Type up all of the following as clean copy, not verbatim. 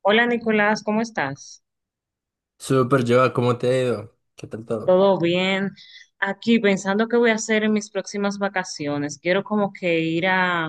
Hola, Nicolás, ¿cómo estás? Súper, Joa, ¿cómo te ha ido? ¿Qué tal todo? ¿Todo bien? Aquí pensando qué voy a hacer en mis próximas vacaciones. Quiero como que ir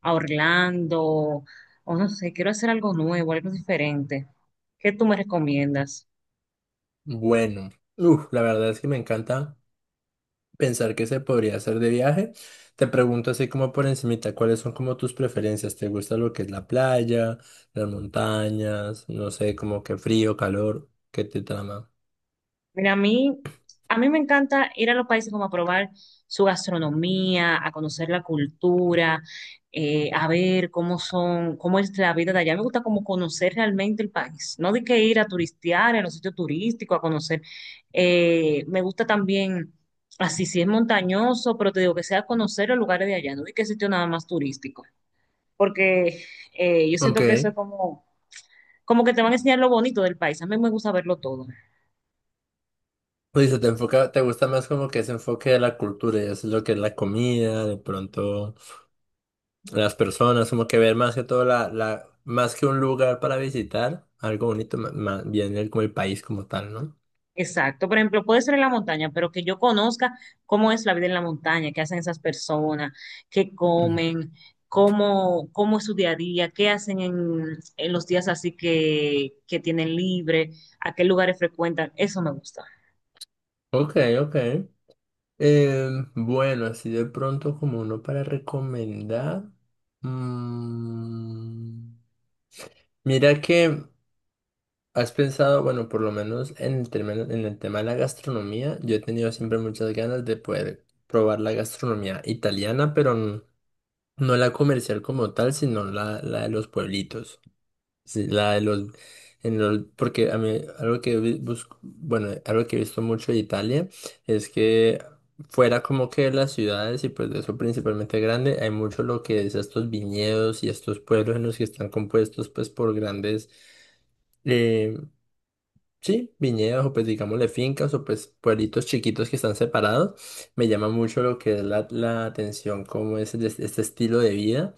a Orlando o no sé, quiero hacer algo nuevo, algo diferente. ¿Qué tú me recomiendas? Bueno, la verdad es que me encanta pensar que se podría hacer de viaje. Te pregunto así como por encimita, ¿cuáles son como tus preferencias? ¿Te gusta lo que es la playa, las montañas, no sé, como que frío, calor, qué te trama? Mira, a mí me encanta ir a los países como a probar su gastronomía, a conocer la cultura, a ver cómo son, cómo es la vida de allá. Me gusta como conocer realmente el país. No de que ir a turistear en los sitios turísticos, a conocer. Me gusta también, así si es montañoso, pero te digo que sea conocer los lugares de allá, no de que sitio nada más turístico. Porque yo Ok, siento que eso es como, como que te van a enseñar lo bonito del país. A mí me gusta verlo todo. pues se te enfoca, te gusta más como que ese enfoque de la cultura y eso es lo que es la comida, de pronto. Las personas, como que ver más que todo la, más que un lugar para visitar, algo bonito, más bien el, como el país como tal, ¿no? Exacto, por ejemplo, puede ser en la montaña, pero que yo conozca cómo es la vida en la montaña, qué hacen esas personas, qué Mm. comen, cómo es su día a día, qué hacen en los días así que tienen libre, a qué lugares frecuentan, eso me gusta. Ok, ok. Eh, bueno, así de pronto como uno para recomendar. mm, mira que has pensado, bueno, por lo menos en en el tema de la gastronomía, yo he tenido siempre muchas ganas de poder probar la gastronomía italiana, pero no la comercial como tal, sino la de los pueblitos. Sí, la de los, en los, porque a mí algo que busco, bueno, algo que he visto mucho de Italia es que fuera como que de las ciudades y pues de eso principalmente grande, hay mucho lo que es estos viñedos y estos pueblos en los que están compuestos pues por grandes, eh, sí, viñedos o pues digámosle fincas o pues pueblitos chiquitos que están separados. Me llama mucho lo que es la atención, cómo es este estilo de vida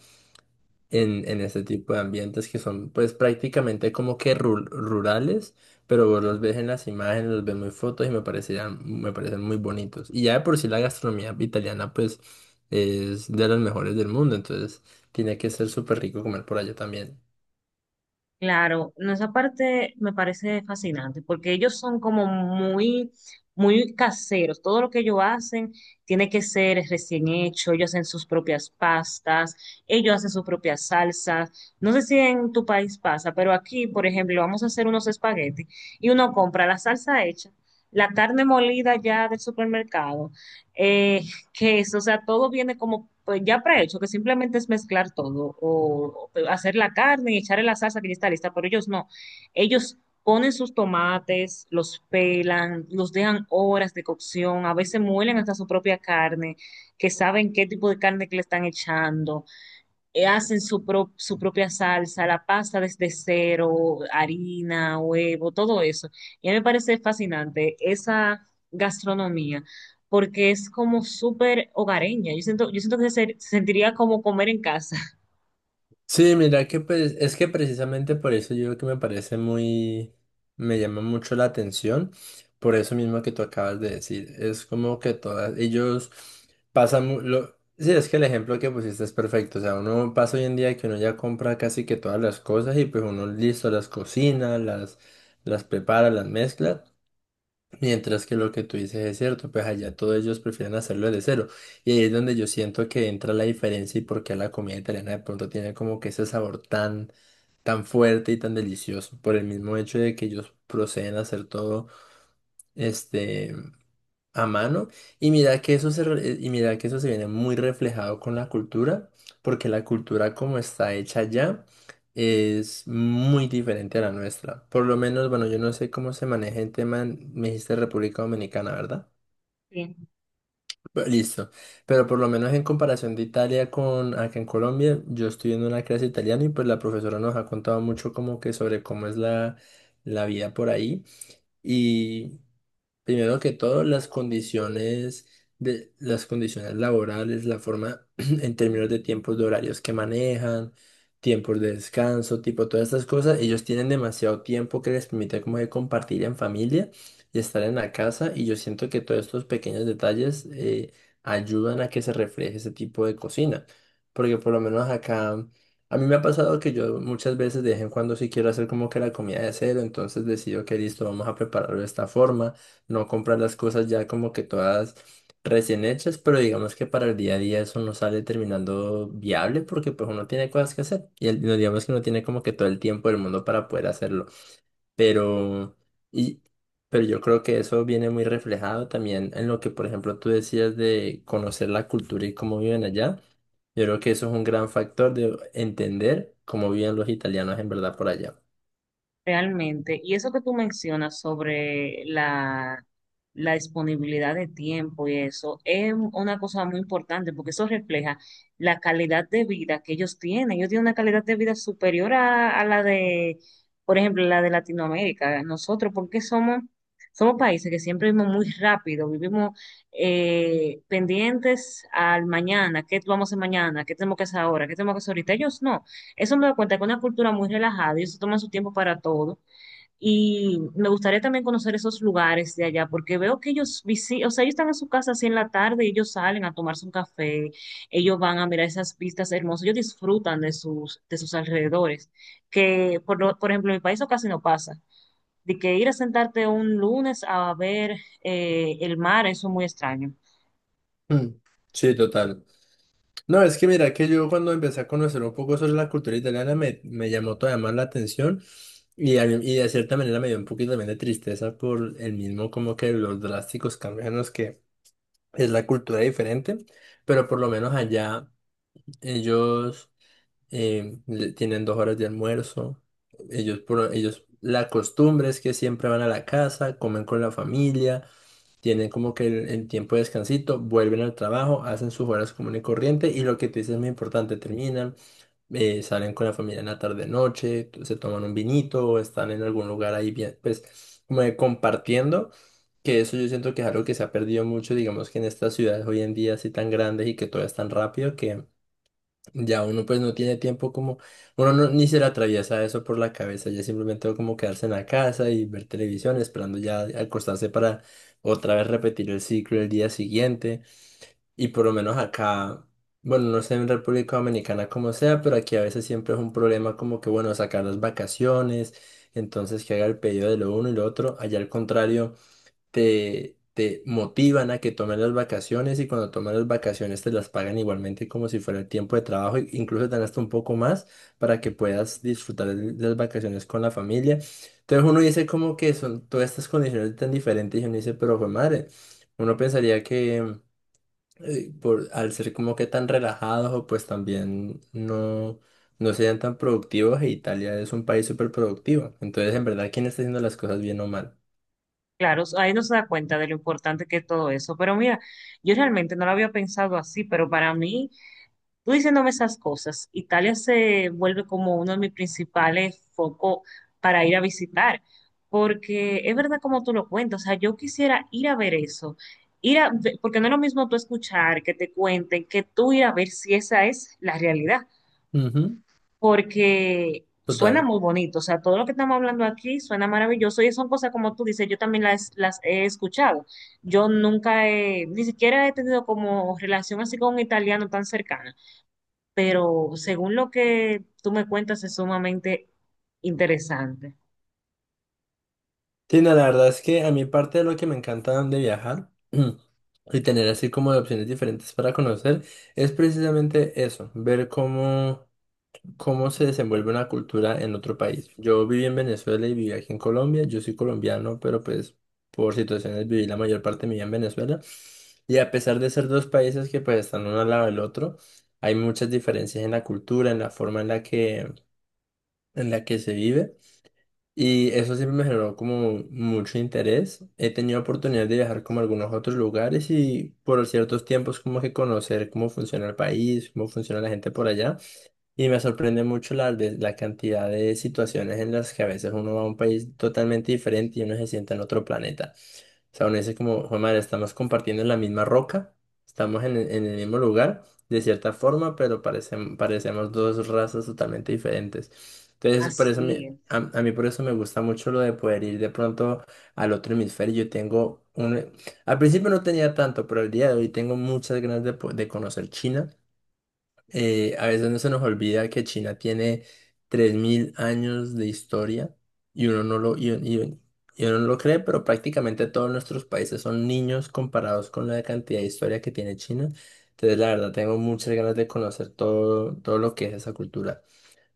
en este tipo de ambientes que son pues prácticamente como que rurales, pero vos los ves en las imágenes, los ves muy fotos y me parecen muy bonitos. Y ya de por sí la gastronomía italiana pues es de las mejores del mundo, entonces tiene que ser súper rico comer por allá también. Claro, no, esa parte me parece fascinante porque ellos son como muy caseros. Todo lo que ellos hacen tiene que ser recién hecho. Ellos hacen sus propias pastas, ellos hacen sus propias salsas. No sé si en tu país pasa, pero aquí, por ejemplo, vamos a hacer unos espaguetis y uno compra la salsa hecha, la carne molida ya del supermercado, eh, queso, o sea, todo viene como pues, ya prehecho, que simplemente es mezclar todo o hacer la carne y echarle la salsa que ya está lista, pero ellos no, ellos ponen sus tomates, los pelan, los dejan horas de cocción, a veces muelen hasta su propia carne, que saben qué tipo de carne que le están echando. Hacen su propia salsa, la pasta desde cero, harina, huevo, todo eso. Y a mí me parece fascinante esa gastronomía, porque es como súper hogareña. Yo siento que se sentiría como comer en casa. Sí, mira que pues es que precisamente por eso yo que me parece muy, me llama mucho la atención, por eso mismo que tú acabas de decir, es como que todas, ellos pasan, sí, es que el ejemplo que pusiste es perfecto, o sea, uno pasa hoy en día que uno ya compra casi que todas las cosas y pues uno listo las cocina, las prepara, las mezcla. Mientras que lo que tú dices es cierto, pues allá todos ellos prefieren hacerlo de cero. Y ahí es donde yo siento que entra la diferencia y por qué la comida italiana de pronto tiene como que ese sabor tan, tan fuerte y tan delicioso. Por el mismo hecho de que ellos proceden a hacer todo, este a mano, y mira que y mira que eso se viene muy reflejado con la cultura, porque la cultura como está hecha ya es muy diferente a la nuestra. Por lo menos, bueno, yo no sé cómo se maneja el tema, me dijiste República Dominicana, ¿verdad? Listo, pero por lo menos en comparación de Italia con acá en Colombia, yo estoy en una clase de italiano y pues la profesora nos ha contado mucho como que sobre cómo es la vida por ahí. Primero que todo, las condiciones de las condiciones laborales, la forma en términos de tiempos de horarios que manejan, tiempos de descanso, tipo todas estas cosas, ellos tienen demasiado tiempo que les permite como que compartir en familia y estar en la casa, y yo siento que todos estos pequeños detalles ayudan a que se refleje ese tipo de cocina, porque por lo menos acá a mí me ha pasado que yo muchas veces de vez en cuando sí quiero hacer como que la comida de cero, entonces decido que listo, vamos a prepararlo de esta forma, no comprar las cosas ya como que todas recién hechas, pero digamos que para el día a día eso no sale terminando viable porque pues uno tiene cosas que hacer y no digamos que uno tiene como que todo el tiempo del mundo para poder hacerlo, pero y pero yo creo que eso viene muy reflejado también en lo que por ejemplo tú decías de conocer la cultura y cómo viven allá. Yo creo que eso es un gran factor de entender cómo viven los italianos en verdad por allá. Realmente, y eso que tú mencionas sobre la disponibilidad de tiempo y eso, es una cosa muy importante porque eso refleja la calidad de vida que ellos tienen. Ellos tienen una calidad de vida superior a la de, por ejemplo, la de Latinoamérica. Nosotros, porque somos países que siempre vivimos muy rápido, vivimos pendientes al mañana, qué vamos a hacer mañana, qué tenemos que hacer ahora, qué tenemos que hacer ahorita. Ellos no. Eso me da cuenta que es una cultura muy relajada, ellos se toman su tiempo para todo. Y me gustaría también conocer esos lugares de allá, porque veo que ellos visitan, o sea, ellos están en su casa así en la tarde y ellos salen a tomarse un café, ellos van a mirar esas vistas hermosas, ellos disfrutan de de sus alrededores, que por ejemplo en mi país eso casi no pasa. De que ir a sentarte un lunes a ver el mar, eso es muy extraño. Mm, Sí, total. No, es que mira que yo cuando empecé a conocer un poco sobre la cultura italiana me llamó todavía más la atención y, a- mí y de cierta manera me dio un poquito también de tristeza por el mismo como que los drásticos cambios en los que es la cultura diferente, pero por lo menos allá ellos tienen 2 horas de almuerzo, ellos la costumbre es que siempre van a la casa, comen con la familia, tienen como que el tiempo de descansito, vuelven al trabajo, hacen sus horas común y corriente, y lo que te dices es muy importante, terminan, salen con la familia en la tarde noche, se toman un vinito o están en algún lugar ahí bien, pues como de compartiendo, que eso yo siento que es algo que se ha perdido mucho, digamos que en estas ciudades hoy en día así tan grandes y que todo es tan rápido que... Ya uno pues no tiene tiempo como, uno no, ni se le atraviesa eso por la cabeza, ya simplemente como quedarse en la casa y ver televisión esperando ya acostarse para otra vez repetir el ciclo el día siguiente. Y por lo menos acá, bueno, no sé en República Dominicana como sea, pero aquí a veces siempre es un problema como que, bueno, sacar las vacaciones, entonces que haga el pedido de lo uno y lo otro. Allá al contrario te motivan a que tomes las vacaciones, y cuando tomas las vacaciones te las pagan igualmente como si fuera el tiempo de trabajo, e incluso te dan hasta un poco más para que puedas disfrutar de las vacaciones con la familia. Entonces uno dice como que son todas estas condiciones tan diferentes y uno dice, pero fue madre, uno pensaría que al ser como que tan relajados o pues también no... no sean tan productivos, e Italia es un país súper productivo. Entonces, en verdad, ¿quién está haciendo las cosas bien o mal? Claro, ahí no se da cuenta de lo importante que es todo eso. Pero mira, yo realmente no lo había pensado así, pero para mí tú diciéndome esas cosas, Italia se vuelve como uno de mis principales focos para ir a visitar, porque es verdad como tú lo cuentas, o sea, yo quisiera ir a ver eso, porque no es lo mismo tú escuchar, que te cuenten, que tú ir a ver si esa es la realidad, Ujú. porque suena Total. muy bonito, o sea, todo lo que estamos hablando aquí suena maravilloso y son cosas como tú dices, yo también las he escuchado, yo nunca he, ni siquiera he tenido como relación así con un italiano tan cercana, pero según lo que tú me cuentas es sumamente interesante. Sí, no, la verdad es que a mí parte de lo que me encanta de viajar y tener así como de opciones diferentes para conocer es precisamente eso, ver cómo, cómo se desenvuelve una cultura en otro país. Yo viví en Venezuela y viví aquí en Colombia, yo soy colombiano, pero pues por situaciones viví la mayor parte de mi vida en Venezuela, y a pesar de ser dos países que pues están uno al lado del otro, hay muchas diferencias en la cultura, en la forma en la que se vive. Y eso siempre me generó como mucho interés. He tenido oportunidad de viajar como a algunos otros lugares y por ciertos tiempos como que conocer cómo funciona el país, cómo funciona la gente por allá. Y me sorprende mucho la cantidad de situaciones en las que a veces uno va a un país totalmente diferente y uno se siente en otro planeta. O sea, uno dice como, "Jue madre, estamos compartiendo la misma roca, estamos en el mismo lugar, de cierta forma, pero parecemos dos razas totalmente diferentes. Entonces, Así es. a mí por eso me gusta mucho lo de poder ir de pronto al otro hemisferio. Yo tengo un... Al principio no tenía tanto, pero el día de hoy tengo muchas ganas de, de conocer China. A veces no se nos olvida que China tiene 3000 años de historia, y uno no lo, y- y- uno no lo cree, pero prácticamente todos nuestros países son niños comparados con la cantidad de historia que tiene China. Entonces, la verdad, tengo muchas ganas de conocer todo, todo lo que es esa cultura.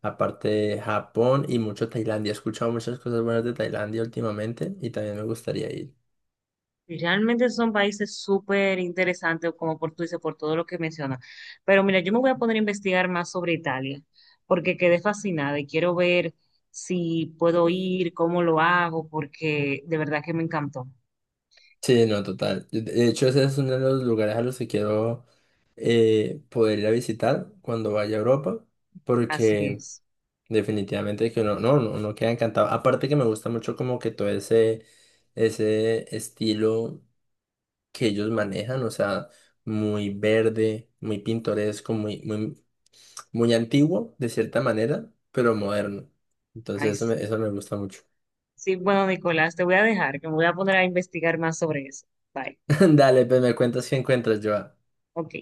Aparte de Japón, y mucho Tailandia. He escuchado muchas cosas buenas de Tailandia últimamente y también me gustaría ir. Y realmente son países súper interesantes, como por tú dices, por todo lo que mencionas. Pero mira, yo me voy a poner a investigar más sobre Italia, porque quedé fascinada y quiero ver si puedo ir, cómo lo hago, porque de verdad que me encantó. Sí, no, total. De hecho, ese es uno de los lugares a los que quiero poder ir a visitar cuando vaya a Europa, Así porque es. definitivamente que uno, no, no, uno queda encantado. Aparte que me gusta mucho como que todo ese, ese estilo que ellos manejan, o sea, muy verde, muy pintoresco, muy antiguo de cierta manera, pero moderno. Entonces Ay, sí, eso me gusta mucho. sí, bueno, Nicolás, te voy a dejar, que me voy a poner a investigar más sobre eso. Bye. Dale, pues me cuentas qué encuentras, Joa. Ok.